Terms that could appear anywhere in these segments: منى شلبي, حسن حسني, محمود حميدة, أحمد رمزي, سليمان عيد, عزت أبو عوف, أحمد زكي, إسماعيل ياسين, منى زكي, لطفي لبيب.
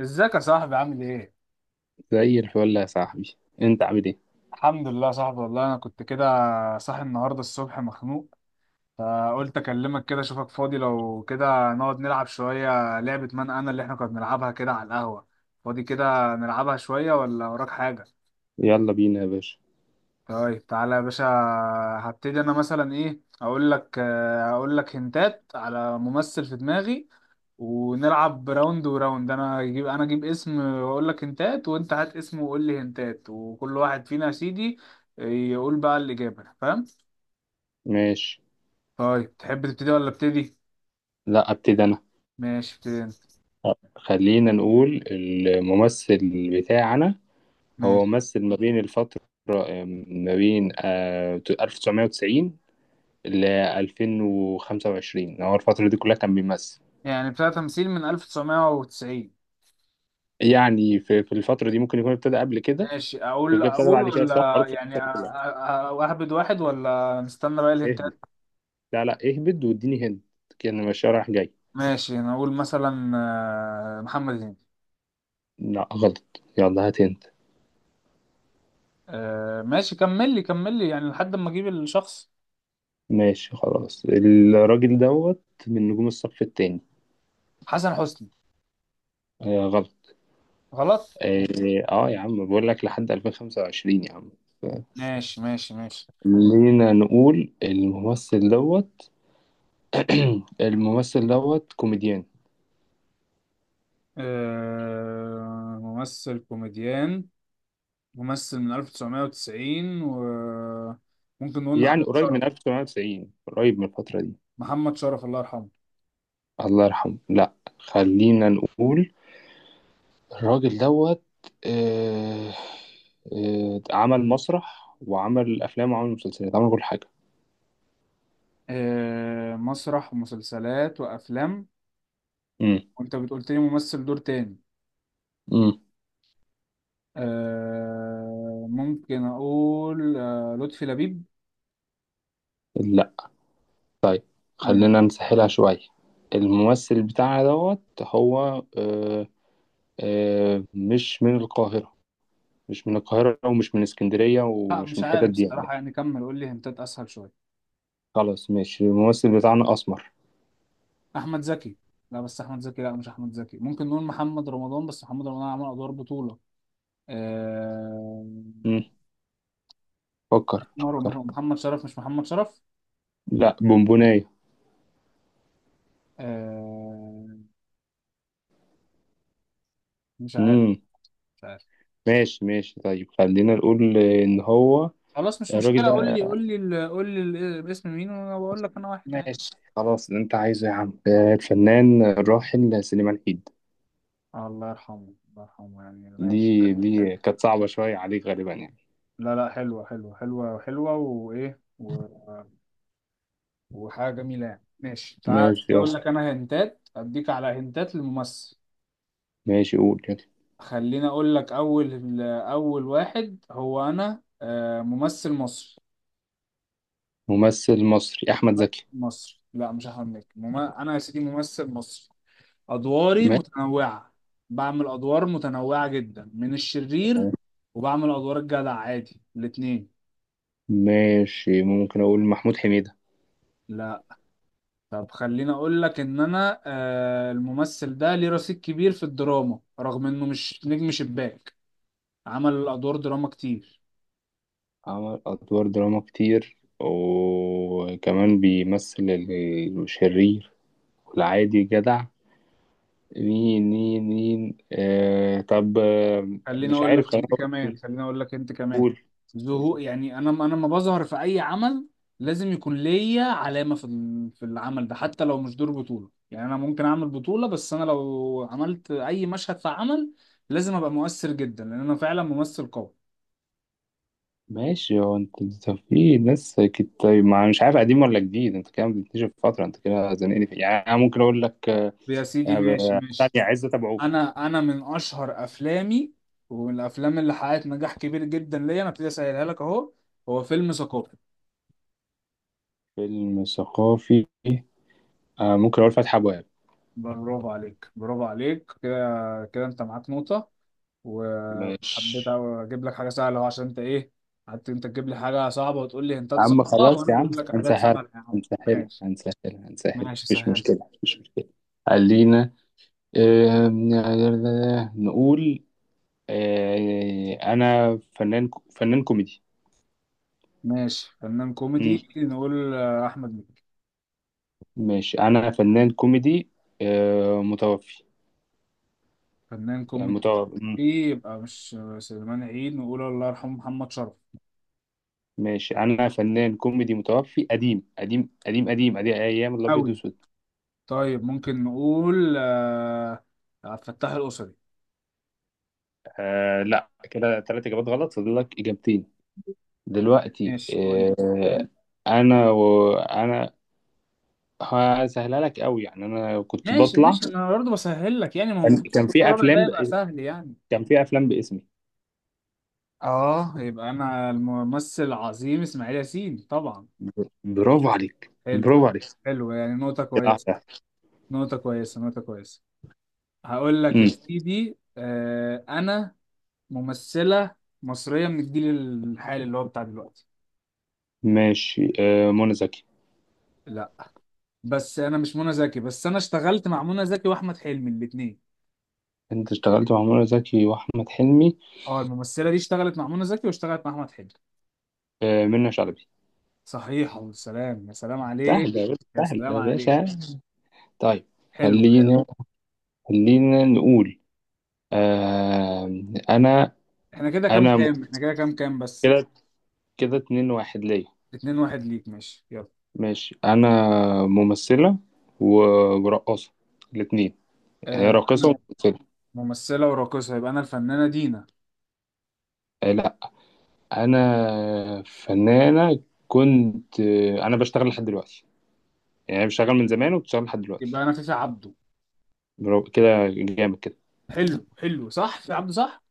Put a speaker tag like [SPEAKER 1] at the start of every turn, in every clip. [SPEAKER 1] ازيك يا صاحبي؟ عامل ايه؟
[SPEAKER 2] زي الفل يا صاحبي، انت عامل ايه؟
[SPEAKER 1] الحمد لله يا صاحبي، والله انا كنت كده صاحي النهارده الصبح مخنوق، فقلت اكلمك كده اشوفك فاضي لو كده نقعد نلعب شوية لعبة من انا اللي احنا كنا بنلعبها كده على القهوة. فاضي كده نلعبها شوية ولا وراك حاجة؟
[SPEAKER 2] يلا بينا يا باشا.
[SPEAKER 1] طيب تعالى يا باشا. هبتدي انا مثلا ايه، اقول لك اقول لك هنتات على ممثل في دماغي، ونلعب راوند وراوند. انا اجيب اسم واقول لك هنتات، وانت هات اسم وقول لي هنتات، وكل واحد فينا يا سيدي يقول بقى الإجابة. فاهم؟
[SPEAKER 2] ماشي.
[SPEAKER 1] طيب تحب تبتدي ولا ابتدي؟
[SPEAKER 2] لا ابتدي انا.
[SPEAKER 1] ماشي ابتدي انت.
[SPEAKER 2] خلينا نقول الممثل بتاعنا هو
[SPEAKER 1] ماشي،
[SPEAKER 2] ممثل ما بين الفترة، ما بين 1990 ل 2025، هو الفترة دي كلها كان بيمثل.
[SPEAKER 1] يعني بتاع تمثيل من 1990.
[SPEAKER 2] يعني في الفترة دي ممكن يكون ابتدى قبل كده
[SPEAKER 1] ماشي، اقول
[SPEAKER 2] وابتدى
[SPEAKER 1] اقول
[SPEAKER 2] بعد كده، بس هو
[SPEAKER 1] ولا
[SPEAKER 2] معروف في
[SPEAKER 1] يعني
[SPEAKER 2] الفترة كلها.
[SPEAKER 1] اهبد واحد ولا نستنى بقى الهنتات؟
[SPEAKER 2] اهبد. لا لا، اهبد واديني هند، كأن ماشي رايح جاي.
[SPEAKER 1] ماشي انا اقول مثلا محمد هنيدي.
[SPEAKER 2] لا غلط، يلا هات هند.
[SPEAKER 1] ماشي، كمل لي كمل لي يعني لحد ما اجيب الشخص.
[SPEAKER 2] ماشي خلاص، الراجل دوت من نجوم الصف التاني.
[SPEAKER 1] حسن حسني.
[SPEAKER 2] آه غلط.
[SPEAKER 1] غلط.
[SPEAKER 2] يا عم بقول لك لحد 2025 يا عم.
[SPEAKER 1] ماشي ماشي ماشي.
[SPEAKER 2] خلينا نقول الممثل دوت. الممثل دوت كوميديان.
[SPEAKER 1] آه ممثل كوميديان، ممثل من 1990، وممكن نقول
[SPEAKER 2] يعني
[SPEAKER 1] محمد
[SPEAKER 2] قريب
[SPEAKER 1] شرف.
[SPEAKER 2] من 1990، قريب من الفترة دي.
[SPEAKER 1] محمد شرف الله يرحمه.
[SPEAKER 2] الله يرحمه لا. خلينا نقول الراجل دوت. آه عمل مسرح وعمل أفلام وعمل مسلسلات، عمل كل حاجة.
[SPEAKER 1] آه مسرح ومسلسلات وأفلام.
[SPEAKER 2] امم
[SPEAKER 1] وأنت بتقولت لي ممثل دور تاني.
[SPEAKER 2] امم
[SPEAKER 1] آه، ممكن أقول لطفي لبيب.
[SPEAKER 2] لا. طيب
[SPEAKER 1] م-
[SPEAKER 2] خلينا نسهلها شوية. الممثل بتاعنا دوت هو مش من القاهرة. مش من القاهرة ومش من اسكندرية
[SPEAKER 1] لا
[SPEAKER 2] ومش
[SPEAKER 1] مش
[SPEAKER 2] من الحتت
[SPEAKER 1] عارف
[SPEAKER 2] دي يعني.
[SPEAKER 1] الصراحة، يعني كمل قول لي هنتات أسهل شوية.
[SPEAKER 2] خلاص ماشي، الممثل بتاعنا أسمر.
[SPEAKER 1] أحمد زكي. لا، بس أحمد زكي، لا مش أحمد زكي. ممكن نقول محمد رمضان، بس محمد رمضان عمل أدوار بطولة. آه،
[SPEAKER 2] مم. فكر
[SPEAKER 1] اسمر
[SPEAKER 2] فكر.
[SPEAKER 1] ومحمد شرف. مش محمد شرف.
[SPEAKER 2] لا بونبوناية.
[SPEAKER 1] آه، مش عارف.
[SPEAKER 2] مم.
[SPEAKER 1] مش عارف.
[SPEAKER 2] ماشي ماشي، طيب خلينا نقول إن هو
[SPEAKER 1] خلاص مش
[SPEAKER 2] الراجل
[SPEAKER 1] مشكلة، قول
[SPEAKER 2] ده.
[SPEAKER 1] لي قول لي قول لي اسم مين وانا بقول لك انا واحد عادي.
[SPEAKER 2] ماشي خلاص، اللي أنت عايزه يا عم الفنان الراحل سليمان عيد.
[SPEAKER 1] الله يرحمه الله يرحمه، يعني ماشي
[SPEAKER 2] دي
[SPEAKER 1] حلو حلو.
[SPEAKER 2] دي كانت صعبة شوية عليك غالبا يعني.
[SPEAKER 1] لا لا، حلوة حلوة حلوة حلوة وإيه وحاجة جميلة يعني. ماشي، تعال
[SPEAKER 2] ماشي يلا.
[SPEAKER 1] أقول لك أنا هنتات، أديك على هنتات للممثل.
[SPEAKER 2] ماشي قول يلا.
[SPEAKER 1] خليني أقول لك، أول أول واحد هو أنا ممثل مصري.
[SPEAKER 2] ممثل مصري أحمد زكي.
[SPEAKER 1] مصر، لا مش احمد مكي. انا يا سيدي ممثل مصري، ادواري
[SPEAKER 2] ماشي.
[SPEAKER 1] متنوعه. بعمل ادوار متنوعه جدا، من الشرير وبعمل ادوار الجدع عادي، الاتنين.
[SPEAKER 2] ماشي ممكن أقول محمود حميدة.
[SPEAKER 1] لا. طب خليني اقول لك ان انا الممثل ده ليه رصيد كبير في الدراما، رغم انه مش نجم شباك. عمل ادوار دراما كتير.
[SPEAKER 2] عمل أدوار دراما كتير وكمان بيمثل الشرير والعادي جدع. مين مين مين، طب
[SPEAKER 1] خليني
[SPEAKER 2] مش
[SPEAKER 1] اقول
[SPEAKER 2] عارف،
[SPEAKER 1] لك
[SPEAKER 2] خليني
[SPEAKER 1] انت كمان
[SPEAKER 2] أقول.
[SPEAKER 1] خليني اقول لك انت كمان.
[SPEAKER 2] قول قول
[SPEAKER 1] ظهور
[SPEAKER 2] ده.
[SPEAKER 1] يعني، انا لما بظهر في اي عمل لازم يكون ليا علامه في العمل ده. حتى لو مش دور بطوله، يعني انا ممكن اعمل بطوله، بس انا لو عملت اي مشهد في عمل لازم ابقى مؤثر جدا، لان انا فعلا ممثل قوي.
[SPEAKER 2] ماشي هو انت في ناس طيب ما مش عارف قديم ولا جديد، انت كده بتكتشف فترة، انت كده زنقني في، يعني انا ممكن اقول لك
[SPEAKER 1] يا سيدي ماشي ماشي.
[SPEAKER 2] ثانية عزت ابو عوف.
[SPEAKER 1] انا من اشهر افلامي، ومن الافلام اللي حققت نجاح كبير جدا ليا، انا ابتدي اسهلها لك اهو. هو فيلم ثقافي.
[SPEAKER 2] فيلم ثقافي. آه ممكن اقول فتح ابواب.
[SPEAKER 1] برافو عليك برافو عليك، كده كده انت معاك نقطه.
[SPEAKER 2] مش.
[SPEAKER 1] وحبيت أوي اجيب لك حاجه سهله أهو، عشان انت ايه، قعدت انت تجيب لي حاجه صعبه وتقول لي
[SPEAKER 2] يا
[SPEAKER 1] هنتات
[SPEAKER 2] عم
[SPEAKER 1] صعبه،
[SPEAKER 2] خلاص
[SPEAKER 1] وانا
[SPEAKER 2] يا عم،
[SPEAKER 1] بقول لك حاجات
[SPEAKER 2] هنسهل
[SPEAKER 1] سهله يا عم.
[SPEAKER 2] هنسهل
[SPEAKER 1] ماشي.
[SPEAKER 2] هنسهل هنسهل،
[SPEAKER 1] ماشي
[SPEAKER 2] مفيش
[SPEAKER 1] سهل.
[SPEAKER 2] مشكلة، مفيش مشكلة. خلينا آه نقول انا فنان، فنان كوميدي.
[SPEAKER 1] ماشي، فنان
[SPEAKER 2] مم.
[SPEAKER 1] كوميدي نقول احمد مكي.
[SPEAKER 2] ماشي انا فنان كوميدي متوفي.
[SPEAKER 1] فنان كوميدي.
[SPEAKER 2] متوفي.
[SPEAKER 1] ايه، يبقى مش سليمان عيد. نقول الله يرحمه محمد شرف.
[SPEAKER 2] ماشي انا فنان كوميدي متوفي، قديم قديم قديم قديم قديم، ايام الابيض
[SPEAKER 1] قوي.
[SPEAKER 2] والاسود.
[SPEAKER 1] طيب ممكن نقول عبد الفتاح القصري.
[SPEAKER 2] لا، كده ثلاث اجابات غلط، فاضل لك اجابتين دلوقتي.
[SPEAKER 1] ماشي قول لي.
[SPEAKER 2] انا هسهلها لك قوي، يعني انا كنت
[SPEAKER 1] ماشي
[SPEAKER 2] بطلع.
[SPEAKER 1] ماشي، ما انا برضه بسهل لك، يعني ما هو
[SPEAKER 2] كان
[SPEAKER 1] المفروض
[SPEAKER 2] كان في
[SPEAKER 1] الرابع ده
[SPEAKER 2] افلام ب...
[SPEAKER 1] يبقى سهل يعني.
[SPEAKER 2] كان في افلام باسمي.
[SPEAKER 1] اه، يبقى انا الممثل العظيم اسماعيل ياسين طبعا.
[SPEAKER 2] برافو عليك،
[SPEAKER 1] حلو.
[SPEAKER 2] برافو عليك
[SPEAKER 1] حلو، يعني نقطة
[SPEAKER 2] كده.
[SPEAKER 1] كويسة.
[SPEAKER 2] واحدة.
[SPEAKER 1] نقطة كويسة نقطة كويسة. هقول لك يا
[SPEAKER 2] امم
[SPEAKER 1] سيدي، انا ممثلة مصرية من الجيل الحالي، اللي هو بتاع دلوقتي.
[SPEAKER 2] ماشي منى زكي.
[SPEAKER 1] لا، بس انا مش منى زكي، بس انا اشتغلت مع منى زكي واحمد حلمي الاثنين.
[SPEAKER 2] انت اشتغلت مع منى زكي واحمد حلمي.
[SPEAKER 1] اه، الممثلة دي اشتغلت مع منى زكي واشتغلت مع احمد حلمي.
[SPEAKER 2] منى شلبي.
[SPEAKER 1] صحيح، يا سلام يا سلام عليك.
[SPEAKER 2] سهله يا باشا،
[SPEAKER 1] يا
[SPEAKER 2] سهله
[SPEAKER 1] سلام
[SPEAKER 2] يا
[SPEAKER 1] عليك.
[SPEAKER 2] باشا. طيب.
[SPEAKER 1] حلو حلو.
[SPEAKER 2] خلينا، خلينا نقول آه، انا.
[SPEAKER 1] احنا كده كام
[SPEAKER 2] انا م-
[SPEAKER 1] كام؟ بس.
[SPEAKER 2] كده، كده 2-1 ليا.
[SPEAKER 1] اتنين واحد ليك، ماشي يلا.
[SPEAKER 2] ماشي انا ممثله و- ورقاصه، الاثنين. هي راقصه
[SPEAKER 1] انا
[SPEAKER 2] وممثله.
[SPEAKER 1] ممثله وراقصه، يبقى انا الفنانه دينا.
[SPEAKER 2] لا، انا فنانه، كنت انا بشتغل لحد دلوقتي، يعني بشتغل من زمان وبشتغل لحد
[SPEAKER 1] يبقى
[SPEAKER 2] دلوقتي.
[SPEAKER 1] انا فيفي عبده.
[SPEAKER 2] برافو، كده جامد كده.
[SPEAKER 1] حلو حلو، صح فيفي عبده، صح.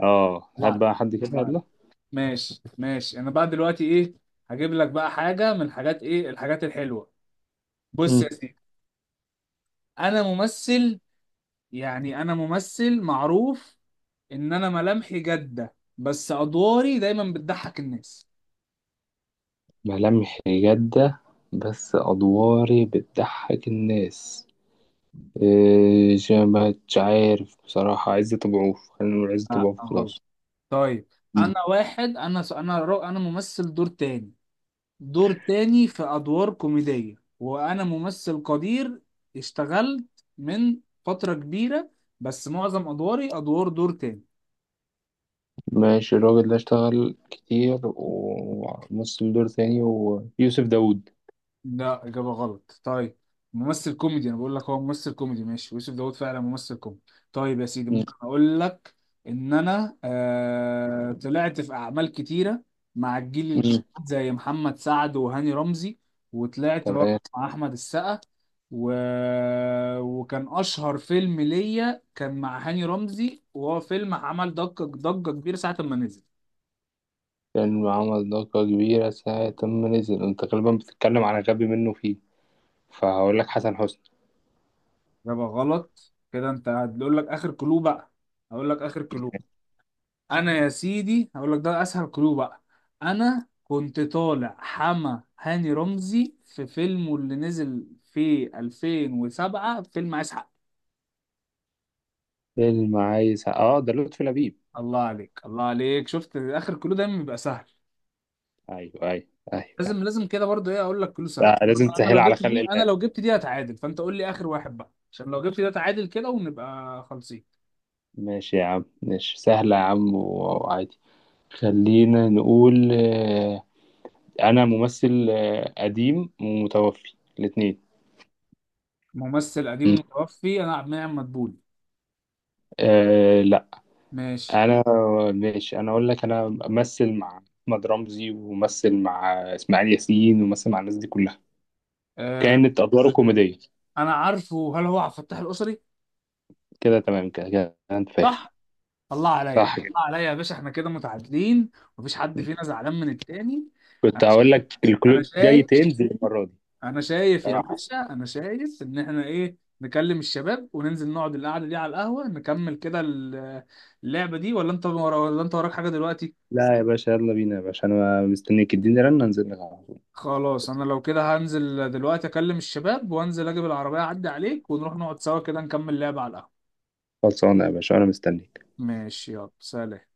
[SPEAKER 2] اه هات
[SPEAKER 1] طلع لك.
[SPEAKER 2] بقى حد كده،
[SPEAKER 1] طلع لك.
[SPEAKER 2] يلا.
[SPEAKER 1] ماشي ماشي، انا بقى دلوقتي ايه، هجيب لك بقى حاجه من حاجات ايه، الحاجات الحلوه. بص يا
[SPEAKER 2] مم.
[SPEAKER 1] سيدي، انا ممثل، يعني انا ممثل معروف ان انا ملامحي جاده بس ادواري دايما بتضحك الناس.
[SPEAKER 2] ملامح جاده بس ادواري بتضحك الناس. إيه، مش عارف بصراحه، عزت ابو عوف، خلينا نقول عزت ابو عوف
[SPEAKER 1] غلط.
[SPEAKER 2] خلاص.
[SPEAKER 1] طيب انا واحد، انا ممثل دور تاني، دور تاني في أدوار كوميدية، وأنا ممثل قدير. اشتغلت من فترة كبيرة، بس معظم أدواري أدوار دور تاني.
[SPEAKER 2] ماشي الراجل ده اشتغل كتير وممثل دور تاني، ويوسف داوود.
[SPEAKER 1] لا، إجابة غلط. طيب ممثل كوميدي، أنا بقول لك هو ممثل كوميدي. ماشي يوسف داوود فعلا ممثل كوميدي. طيب يا سيدي،
[SPEAKER 2] مم.
[SPEAKER 1] ممكن أقول لك إن أنا طلعت في أعمال كتيرة مع الجيل الجديد،
[SPEAKER 2] مم.
[SPEAKER 1] زي محمد سعد وهاني رمزي. وطلعت برضه
[SPEAKER 2] تمام.
[SPEAKER 1] مع أحمد السقا و... وكان أشهر فيلم ليا كان مع هاني رمزي، وهو فيلم عمل ضجة كبيرة ساعة ما نزل.
[SPEAKER 2] فيلم عمل ضجة كبيرة ساعة ما نزل، انت غالبا بتتكلم على غبي منه فيه، فهقول لك حسن حسني.
[SPEAKER 1] إجابة غلط. كده أنت هتقول لك آخر كلو بقى. هقول لك آخر كلو. انا يا سيدي هقول لك ده اسهل كلو بقى. انا كنت طالع حما هاني رمزي في فيلمه اللي نزل في 2007، فيلم عايز حق.
[SPEAKER 2] فيلم عايز، اه ده لطفي لبيب.
[SPEAKER 1] الله عليك الله عليك، شفت اخر كلو دايما بيبقى سهل.
[SPEAKER 2] ايوه ايوه، ايوه ايوه.
[SPEAKER 1] لازم لازم كده، برضه ايه اقول لك كلو سهل.
[SPEAKER 2] لا، لازم
[SPEAKER 1] انا
[SPEAKER 2] تسهل
[SPEAKER 1] لو
[SPEAKER 2] على
[SPEAKER 1] جبت
[SPEAKER 2] خلق
[SPEAKER 1] دي انا
[SPEAKER 2] الله.
[SPEAKER 1] لو جبت دي هتعادل، فانت قول لي اخر واحد بقى، عشان لو جبت ده تعادل كده ونبقى خالصين.
[SPEAKER 2] ماشي يا عم، ماشي سهلة يا عم، وعادي. خلينا نقول انا ممثل قديم ومتوفي الاتنين.
[SPEAKER 1] ممثل
[SPEAKER 2] مم.
[SPEAKER 1] قديم متوفي، انا عبد المنعم مدبولي.
[SPEAKER 2] آه،
[SPEAKER 1] ماشي.
[SPEAKER 2] انا. ماشي انا اقول لك انا امثل مع احمد رمزي وممثل مع اسماعيل ياسين وممثل مع الناس دي كلها،
[SPEAKER 1] أه.
[SPEAKER 2] كانت ادواره
[SPEAKER 1] آه،
[SPEAKER 2] كوميديه.
[SPEAKER 1] انا عارفه، هل هو عبد الفتاح القصري؟
[SPEAKER 2] كده تمام كده، كده انت فاهم.
[SPEAKER 1] صح. الله عليا.
[SPEAKER 2] صح كده.
[SPEAKER 1] الله عليا يا باشا، احنا كده متعادلين، مفيش حد فينا زعلان من التاني.
[SPEAKER 2] كنت
[SPEAKER 1] انا
[SPEAKER 2] هقول
[SPEAKER 1] شايف
[SPEAKER 2] لك
[SPEAKER 1] انا
[SPEAKER 2] الكلود جاي
[SPEAKER 1] شايف
[SPEAKER 2] تنزل المره دي.
[SPEAKER 1] انا شايف يا
[SPEAKER 2] صراحه.
[SPEAKER 1] باشا، انا شايف ان احنا ايه، نكلم الشباب وننزل نقعد القعده دي على القهوه، نكمل كده اللعبه دي. ولا انت ولا انت وراك حاجه دلوقتي؟
[SPEAKER 2] لا يا باشا، يلا بينا يا باشا، انا مستنيك، اديني رن انزل لك على طول.
[SPEAKER 1] خلاص، انا لو كده هنزل دلوقتي اكلم الشباب، وانزل اجيب العربيه، اعدي عليك، ونروح نقعد سوا كده نكمل لعبه على القهوه.
[SPEAKER 2] خلصانه يا باشا، انا مستنيك.
[SPEAKER 1] ماشي يلا سلام.